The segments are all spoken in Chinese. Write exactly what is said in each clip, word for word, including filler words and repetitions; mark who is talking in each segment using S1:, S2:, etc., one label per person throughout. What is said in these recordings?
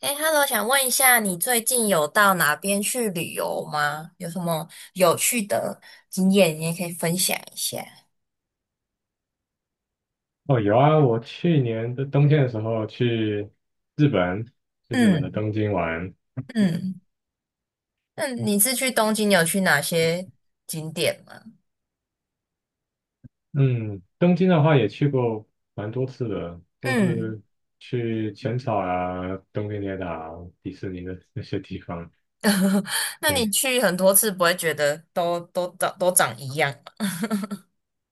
S1: 哎，Hello，想问一下，你最近有到哪边去旅游吗？有什么有趣的经验，你也可以分享一下。
S2: 哦，有啊，我去年的冬天的时候去日本，去日本的
S1: 嗯
S2: 东京玩。
S1: 嗯，那你是去东京，有去哪些景点吗？
S2: 嗯，东京的话也去过蛮多次的，都
S1: 嗯。
S2: 是去浅草啊、东京铁塔啊迪士尼的那些地方。
S1: 那你
S2: 对，
S1: 去很多次，不会觉得都都长都长一样吗？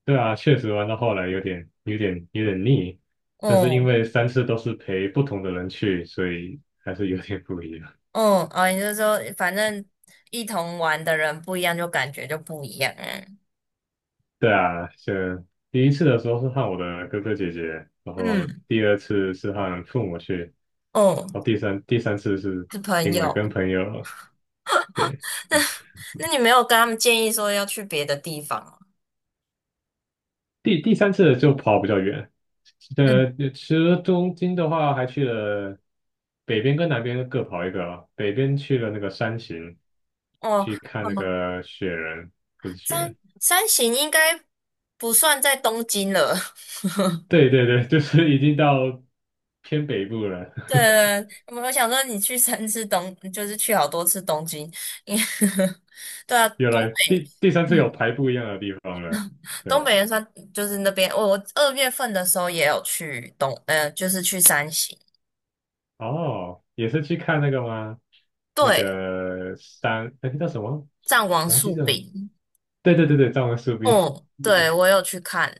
S2: 对啊，确实玩到后来有点、有点、有点腻，但是因
S1: 哦
S2: 为三次都是陪不同的人去，所以还是有点不一样。
S1: 哦哦，你就说反正一同玩的人不一样，就感觉就不一样啊。
S2: 对啊，先第一次的时候是和我的哥哥姐姐，然后
S1: 嗯，
S2: 第二次是和父母去，
S1: 哦，
S2: 哦，第三第三次是
S1: 是朋
S2: 另外跟
S1: 友。
S2: 朋友，对，
S1: 那你没有跟他们建议说要去别的地方吗？
S2: 第第三次就跑比较远，
S1: 嗯，
S2: 呃，其实东京的话，还去了北边跟南边各跑一个啊，北边去了那个山形，
S1: 哦，
S2: 去看那
S1: 哦，
S2: 个雪人，不是雪
S1: 三
S2: 人，
S1: 三型应该不算在东京了。
S2: 对对对，就是已经到偏北部了，
S1: 对，我我想说你去三次东，就是去好多次东京，因为 对啊，
S2: 有
S1: 东
S2: 了
S1: 北。
S2: 第第三次有
S1: 嗯，
S2: 排不一样的地方了，对
S1: 东北
S2: 啊，
S1: 也算就是那边。我我二月份的时候也有去东，呃，就是去三型。
S2: 哦，也是去看那个吗？那
S1: 对，
S2: 个山，哎那个叫什么？
S1: 战王
S2: 我忘记
S1: 树
S2: 这
S1: 饼。
S2: 对对对对，藏文树冰，
S1: 哦，对，我有去看。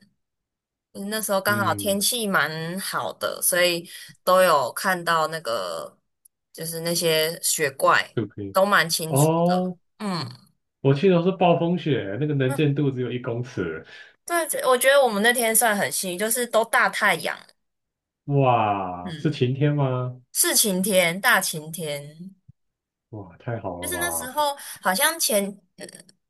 S1: 嗯那时候 刚好
S2: 嗯，
S1: 天气蛮好的，所以都有看到那个，就是那些雪怪
S2: 树冰。
S1: 都蛮清楚的。
S2: 哦，
S1: 嗯，
S2: 我去的是暴风雪，那个能见度只有一公尺。
S1: 嗯对，我觉得我们那天算很幸运，就是都大太阳。
S2: 哇，是
S1: 嗯，
S2: 晴天吗？
S1: 是晴天，大晴天。
S2: 哇，太好
S1: 就
S2: 了
S1: 是那时
S2: 吧！
S1: 候好像前呃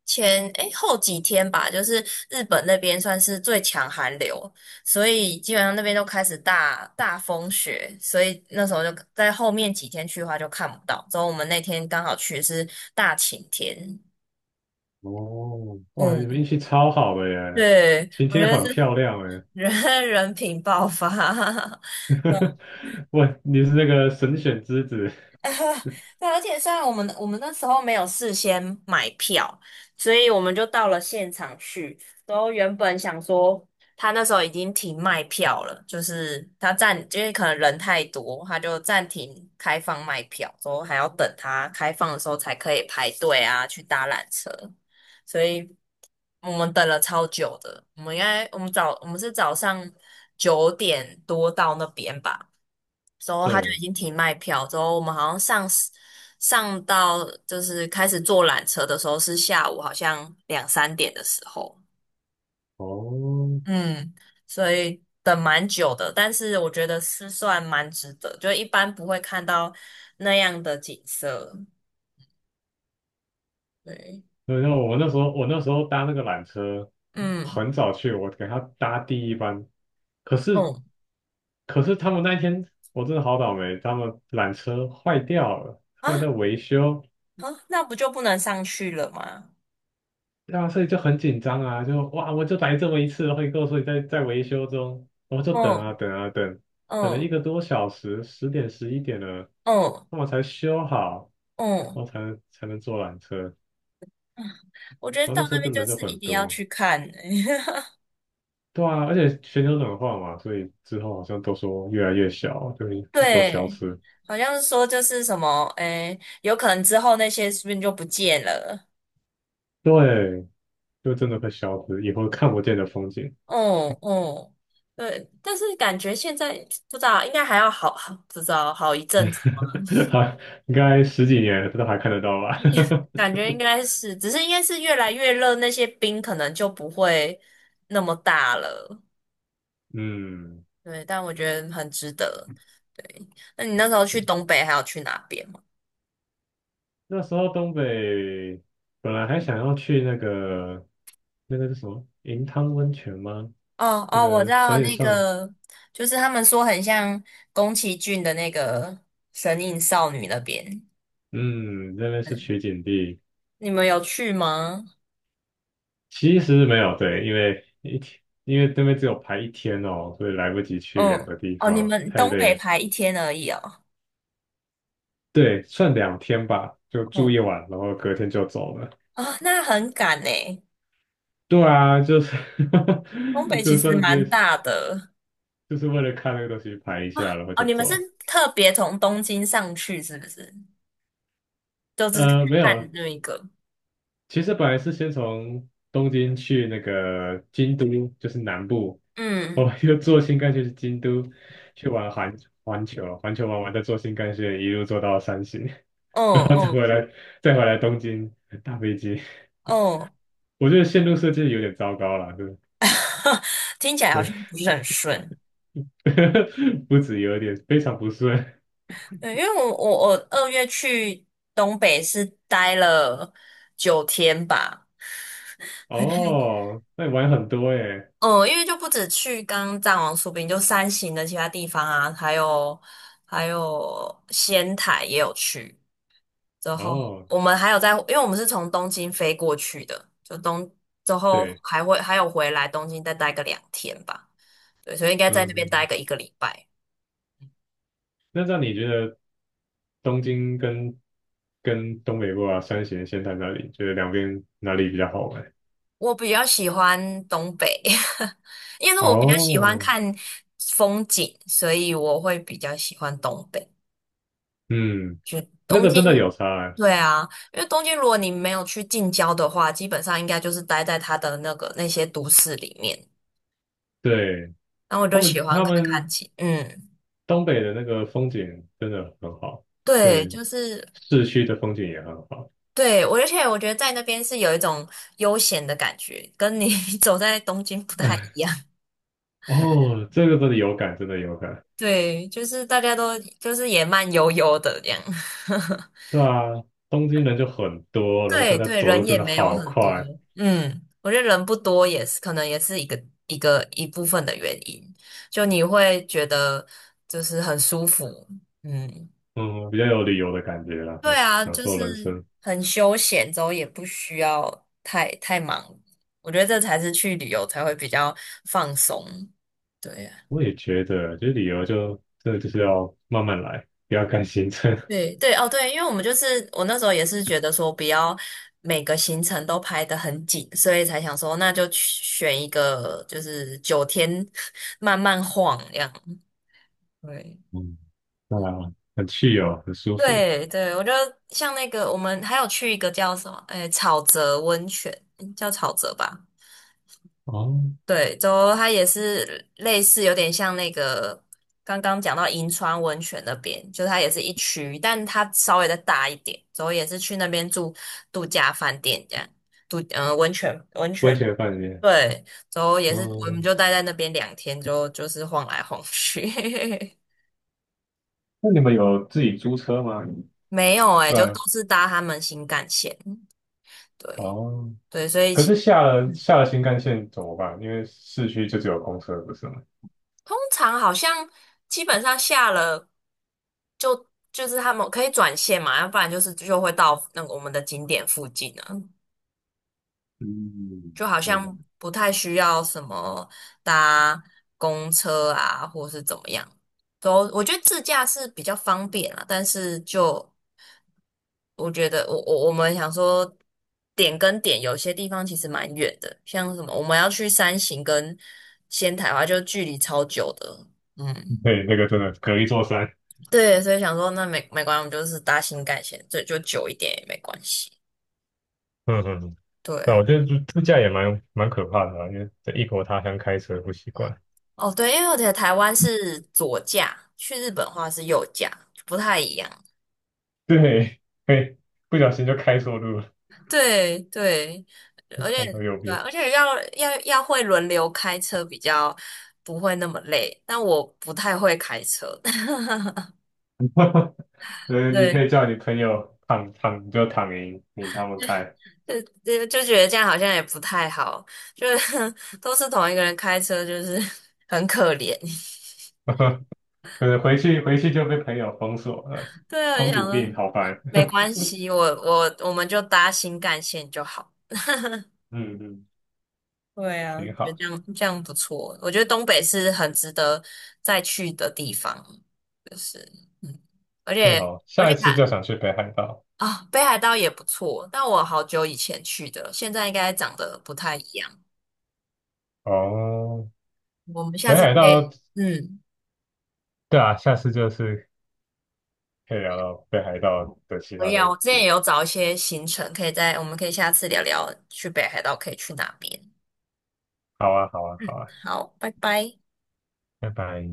S1: 前诶后几天吧，就是日本那边算是最强寒流，所以基本上那边都开始大大风雪，所以那时候就在后面几天去的话就看不到。之后我们那天刚好去是大晴天。
S2: 哦，哇，你们
S1: 嗯，
S2: 运气超好的耶，
S1: 对，
S2: 晴
S1: 我觉
S2: 天
S1: 得
S2: 很
S1: 是
S2: 漂亮耶。
S1: 人人品爆发。
S2: 哇，你是那个神选之子。
S1: 对啊，而且虽然我们我们那时候没有事先买票，所以我们就到了现场去。然后原本想说，他那时候已经停卖票了，就是他暂，因为可能人太多，他就暂停开放卖票，说还要等他开放的时候才可以排队啊，去搭缆车。所以我们等了超久的，我们应该我们早我们是早上九点多到那边吧。之后他就已
S2: 对，
S1: 经停卖票，之后我们好像上 s- 上到就是开始坐缆车的时候是下午，好像两三点的时候。
S2: 哦，
S1: 嗯，所以等蛮久的，但是我觉得是算蛮值得，就一般不会看到那样的景色，对。
S2: 对那我那时候我那时候搭那个缆车，
S1: 嗯
S2: 很早去，我给他搭第一班，可是
S1: 嗯
S2: 可是他们那一天我真的好倒霉，他们缆车坏掉了，
S1: 啊
S2: 他们在维修，
S1: 啊，那不就不能上去了吗？
S2: 对啊，所以就很紧张啊，就哇，我就来这么一次，会后你跟我说你在在维修中，我就等
S1: 嗯
S2: 啊等啊等，等了一
S1: 嗯
S2: 个多小时，十点十一点了，
S1: 嗯
S2: 他们才修好，
S1: 嗯，
S2: 然后才能才能坐缆车，
S1: 我觉得
S2: 然
S1: 到
S2: 后那时
S1: 那
S2: 候
S1: 边
S2: 就
S1: 就
S2: 人就
S1: 是一
S2: 很
S1: 定要
S2: 多，
S1: 去看欸。
S2: 对啊，而且全球暖化嘛，所以之后好像都说越来越小，就会都消
S1: 对，
S2: 失，
S1: 好像是说就是什么，诶，有可能之后那些是不是就不见了？
S2: 对，就真的会消失，以后看不见的风景。
S1: 嗯嗯，对，但是感觉现在不知道，应该还要好，好不知道好一阵子嘛。
S2: 还应该十几年这都还看得到吧？
S1: 感觉应该是，只是应该是越来越热，那些冰可能就不会那么大了。
S2: 嗯，
S1: 对，但我觉得很值得。对，那你那时候去
S2: 对，
S1: 东北还有去哪边吗？
S2: 那时候东北本来还想要去那个那个是什么银汤温泉吗？
S1: 哦
S2: 那
S1: 哦，我知
S2: 个
S1: 道
S2: 所以
S1: 那
S2: 上，
S1: 个，就是他们说很像宫崎骏的那个《神隐少女》那边，
S2: 嗯，那边是取景地，
S1: 你们有去吗？
S2: 其实没有，对，因为一天，因为那边只有排一天哦，所以来不及去两
S1: 嗯，
S2: 个地
S1: 哦，你
S2: 方，
S1: 们
S2: 太
S1: 东
S2: 累
S1: 北
S2: 了。
S1: 排一天而已哦。
S2: 对，算两天吧，就住
S1: 嗯，
S2: 一晚，然后隔天就走了。
S1: 啊、那很赶诶，
S2: 对啊，就是
S1: 东 北其
S2: 就
S1: 实
S2: 算就
S1: 蛮大的
S2: 就是为了看那个东西排一
S1: 啊。
S2: 下，然后
S1: 哦，
S2: 就
S1: 你们
S2: 走
S1: 是
S2: 了。
S1: 特别从东京上去是不是？就是
S2: 呃，没
S1: 看
S2: 有，
S1: 那一个。
S2: 其实本来是先从东京去那个京都，就是南部，哦，
S1: 嗯，
S2: 又坐新干线去京都，去玩环环球，环球玩完再坐新干线一路坐到山形，
S1: 哦
S2: 然后再
S1: 哦
S2: 回来，再回来东京搭飞机。
S1: 哦。
S2: 我觉得线路设计有点糟糕了，对
S1: 听起来好
S2: 对，
S1: 像不是很顺。
S2: 不止有点，非常不顺。
S1: 对，因为我我我二月去东北是待了九天吧。
S2: 哦，那你玩很多耶。
S1: 嗯，因为就不止去刚刚藏王苏炳，就山形的其他地方啊，还有还有仙台也有去。之后
S2: 哦，
S1: 我们还有在，因为我们是从东京飞过去的，就东之后
S2: 对，
S1: 还会还有回来东京再待个两天吧。对，所以应该在
S2: 嗯
S1: 那边
S2: 嗯，
S1: 待
S2: 嗯
S1: 个一个礼拜。
S2: 那这样你觉得？东京跟跟东北部啊，山形、仙台那里，觉得两边哪里比较好玩？
S1: 我比较喜欢东北，因为我比较喜欢
S2: 哦，
S1: 看风景，所以我会比较喜欢东北。
S2: 嗯，
S1: 就
S2: 那
S1: 东
S2: 个
S1: 京，
S2: 真的有差欸，
S1: 对啊，因为东京如果你没有去近郊的话，基本上应该就是待在它的那个那些都市里面。
S2: 对，
S1: 然后我
S2: 他
S1: 就喜
S2: 们
S1: 欢
S2: 他
S1: 看看
S2: 们
S1: 景。嗯，
S2: 东北的那个风景真的很好，就
S1: 对，
S2: 连
S1: 就是
S2: 市区的风景也很好。
S1: 对我，而且我觉得在那边是有一种悠闲的感觉，跟你 走在东京不太一 样。
S2: 哦，这个真的有感，真的有感。
S1: 对，就是大家都就是也慢悠悠的这样。
S2: 对啊，东京人就很多，然后大
S1: 对
S2: 家
S1: 对，
S2: 走路
S1: 人
S2: 真
S1: 也
S2: 的
S1: 没有
S2: 好
S1: 很多。
S2: 快，
S1: 嗯，我觉得人不多也是可能也是一个一个一部分的原因，就你会觉得就是很舒服。嗯，
S2: 嗯，比较有旅游的感觉啦，
S1: 对
S2: 嗯
S1: 啊，
S2: 享
S1: 就
S2: 受
S1: 是
S2: 人生。
S1: 很休闲，之后也不需要太太忙，我觉得这才是去旅游才会比较放松，对呀。
S2: 我也觉得，就是旅游就真的就是要慢慢来，不要赶行程。
S1: 对对哦，对，因为我们就是我那时候也是觉得说不要每个行程都排得很紧，所以才想说那就去选一个就是九天 慢慢晃这样。对
S2: 嗯，对啊，很去哦，很舒服。
S1: 对对，我觉得像那个我们还有去一个叫什么，诶，草泽温泉，叫草泽吧。
S2: 哦，
S1: 对，走后它也是类似，有点像那个刚刚讲到银川温泉那边，就它也是一区，但它稍微的大一点。走后也是去那边住度假饭店这样，度嗯、呃、温泉温
S2: 温
S1: 泉
S2: 泉饭店。
S1: 对，走后也是我们
S2: 哦，
S1: 就待在那边两天就就是晃来晃去。
S2: 那你们有自己租车吗？
S1: 没有诶、就
S2: 对，
S1: 都是搭他们新干线。对
S2: 哦。
S1: 对，所以
S2: 可是
S1: 其
S2: 下了下了新干线怎么办？因为市区就只有公车，不是吗？
S1: 通常好像基本上下了就就是他们可以转线嘛，要不然就是就会到那个我们的景点附近啊，
S2: 嗯，
S1: 就好
S2: 那个，
S1: 像不太需要什么搭公车啊，或是怎么样。都我觉得自驾是比较方便啊，但是就我觉得我我我们想说点跟点有些地方其实蛮远的，像什么我们要去山形跟仙台的话，就距离超久的，嗯。
S2: 对，那个真的隔一座山。
S1: 对，所以想说那没没关系，我们就是搭新干线，这就久一点也没关系。
S2: 嗯嗯，嗯对。
S1: 对
S2: 那我
S1: 啊，
S2: 觉得自自驾也蛮蛮可怕的啊，因为在异国他乡开车不习惯。
S1: 哦对，因为我觉得台湾是左驾，去日本的话是右驾，不太一样。
S2: 对，会不小心就开错路了。
S1: 对对，而
S2: 开
S1: 且
S2: 到右
S1: 对啊
S2: 边，
S1: 而且要要要会轮流开车，比较不会那么累。但我不太会开车。
S2: 呃，你可
S1: 对，
S2: 以叫你朋友躺躺你就躺赢，你他们开，
S1: 就就就觉得这样好像也不太好，就是 都是同一个人开车，就是 很可怜。
S2: 呃，回去回去就被朋友封锁了，
S1: 对啊，我就
S2: 公
S1: 想
S2: 主病，
S1: 说
S2: 好烦，
S1: 没关系，我我我们就搭新干线就好，
S2: 嗯嗯，
S1: 对啊，
S2: 挺
S1: 觉得
S2: 好，
S1: 这样这样不错。我觉得东北是很值得再去的地方，就是嗯，而
S2: 正
S1: 且
S2: 好
S1: 而
S2: 下
S1: 且
S2: 一次
S1: 看
S2: 就想去北海道，
S1: 啊、北海道也不错，但我好久以前去的了，现在应该长得不太一样。
S2: 哦，
S1: 我们下
S2: 北
S1: 次可
S2: 海
S1: 以，
S2: 道，
S1: 嗯，
S2: 对啊，下次就是可以聊到北海道的其
S1: 可
S2: 他
S1: 以啊。
S2: 的
S1: 我之前也
S2: 景，
S1: 有找一些行程，可以在我们可以下次聊聊去北海道可以去哪边。
S2: 好啊，好啊，好
S1: 嗯，
S2: 啊，
S1: 好，拜拜。
S2: 拜拜。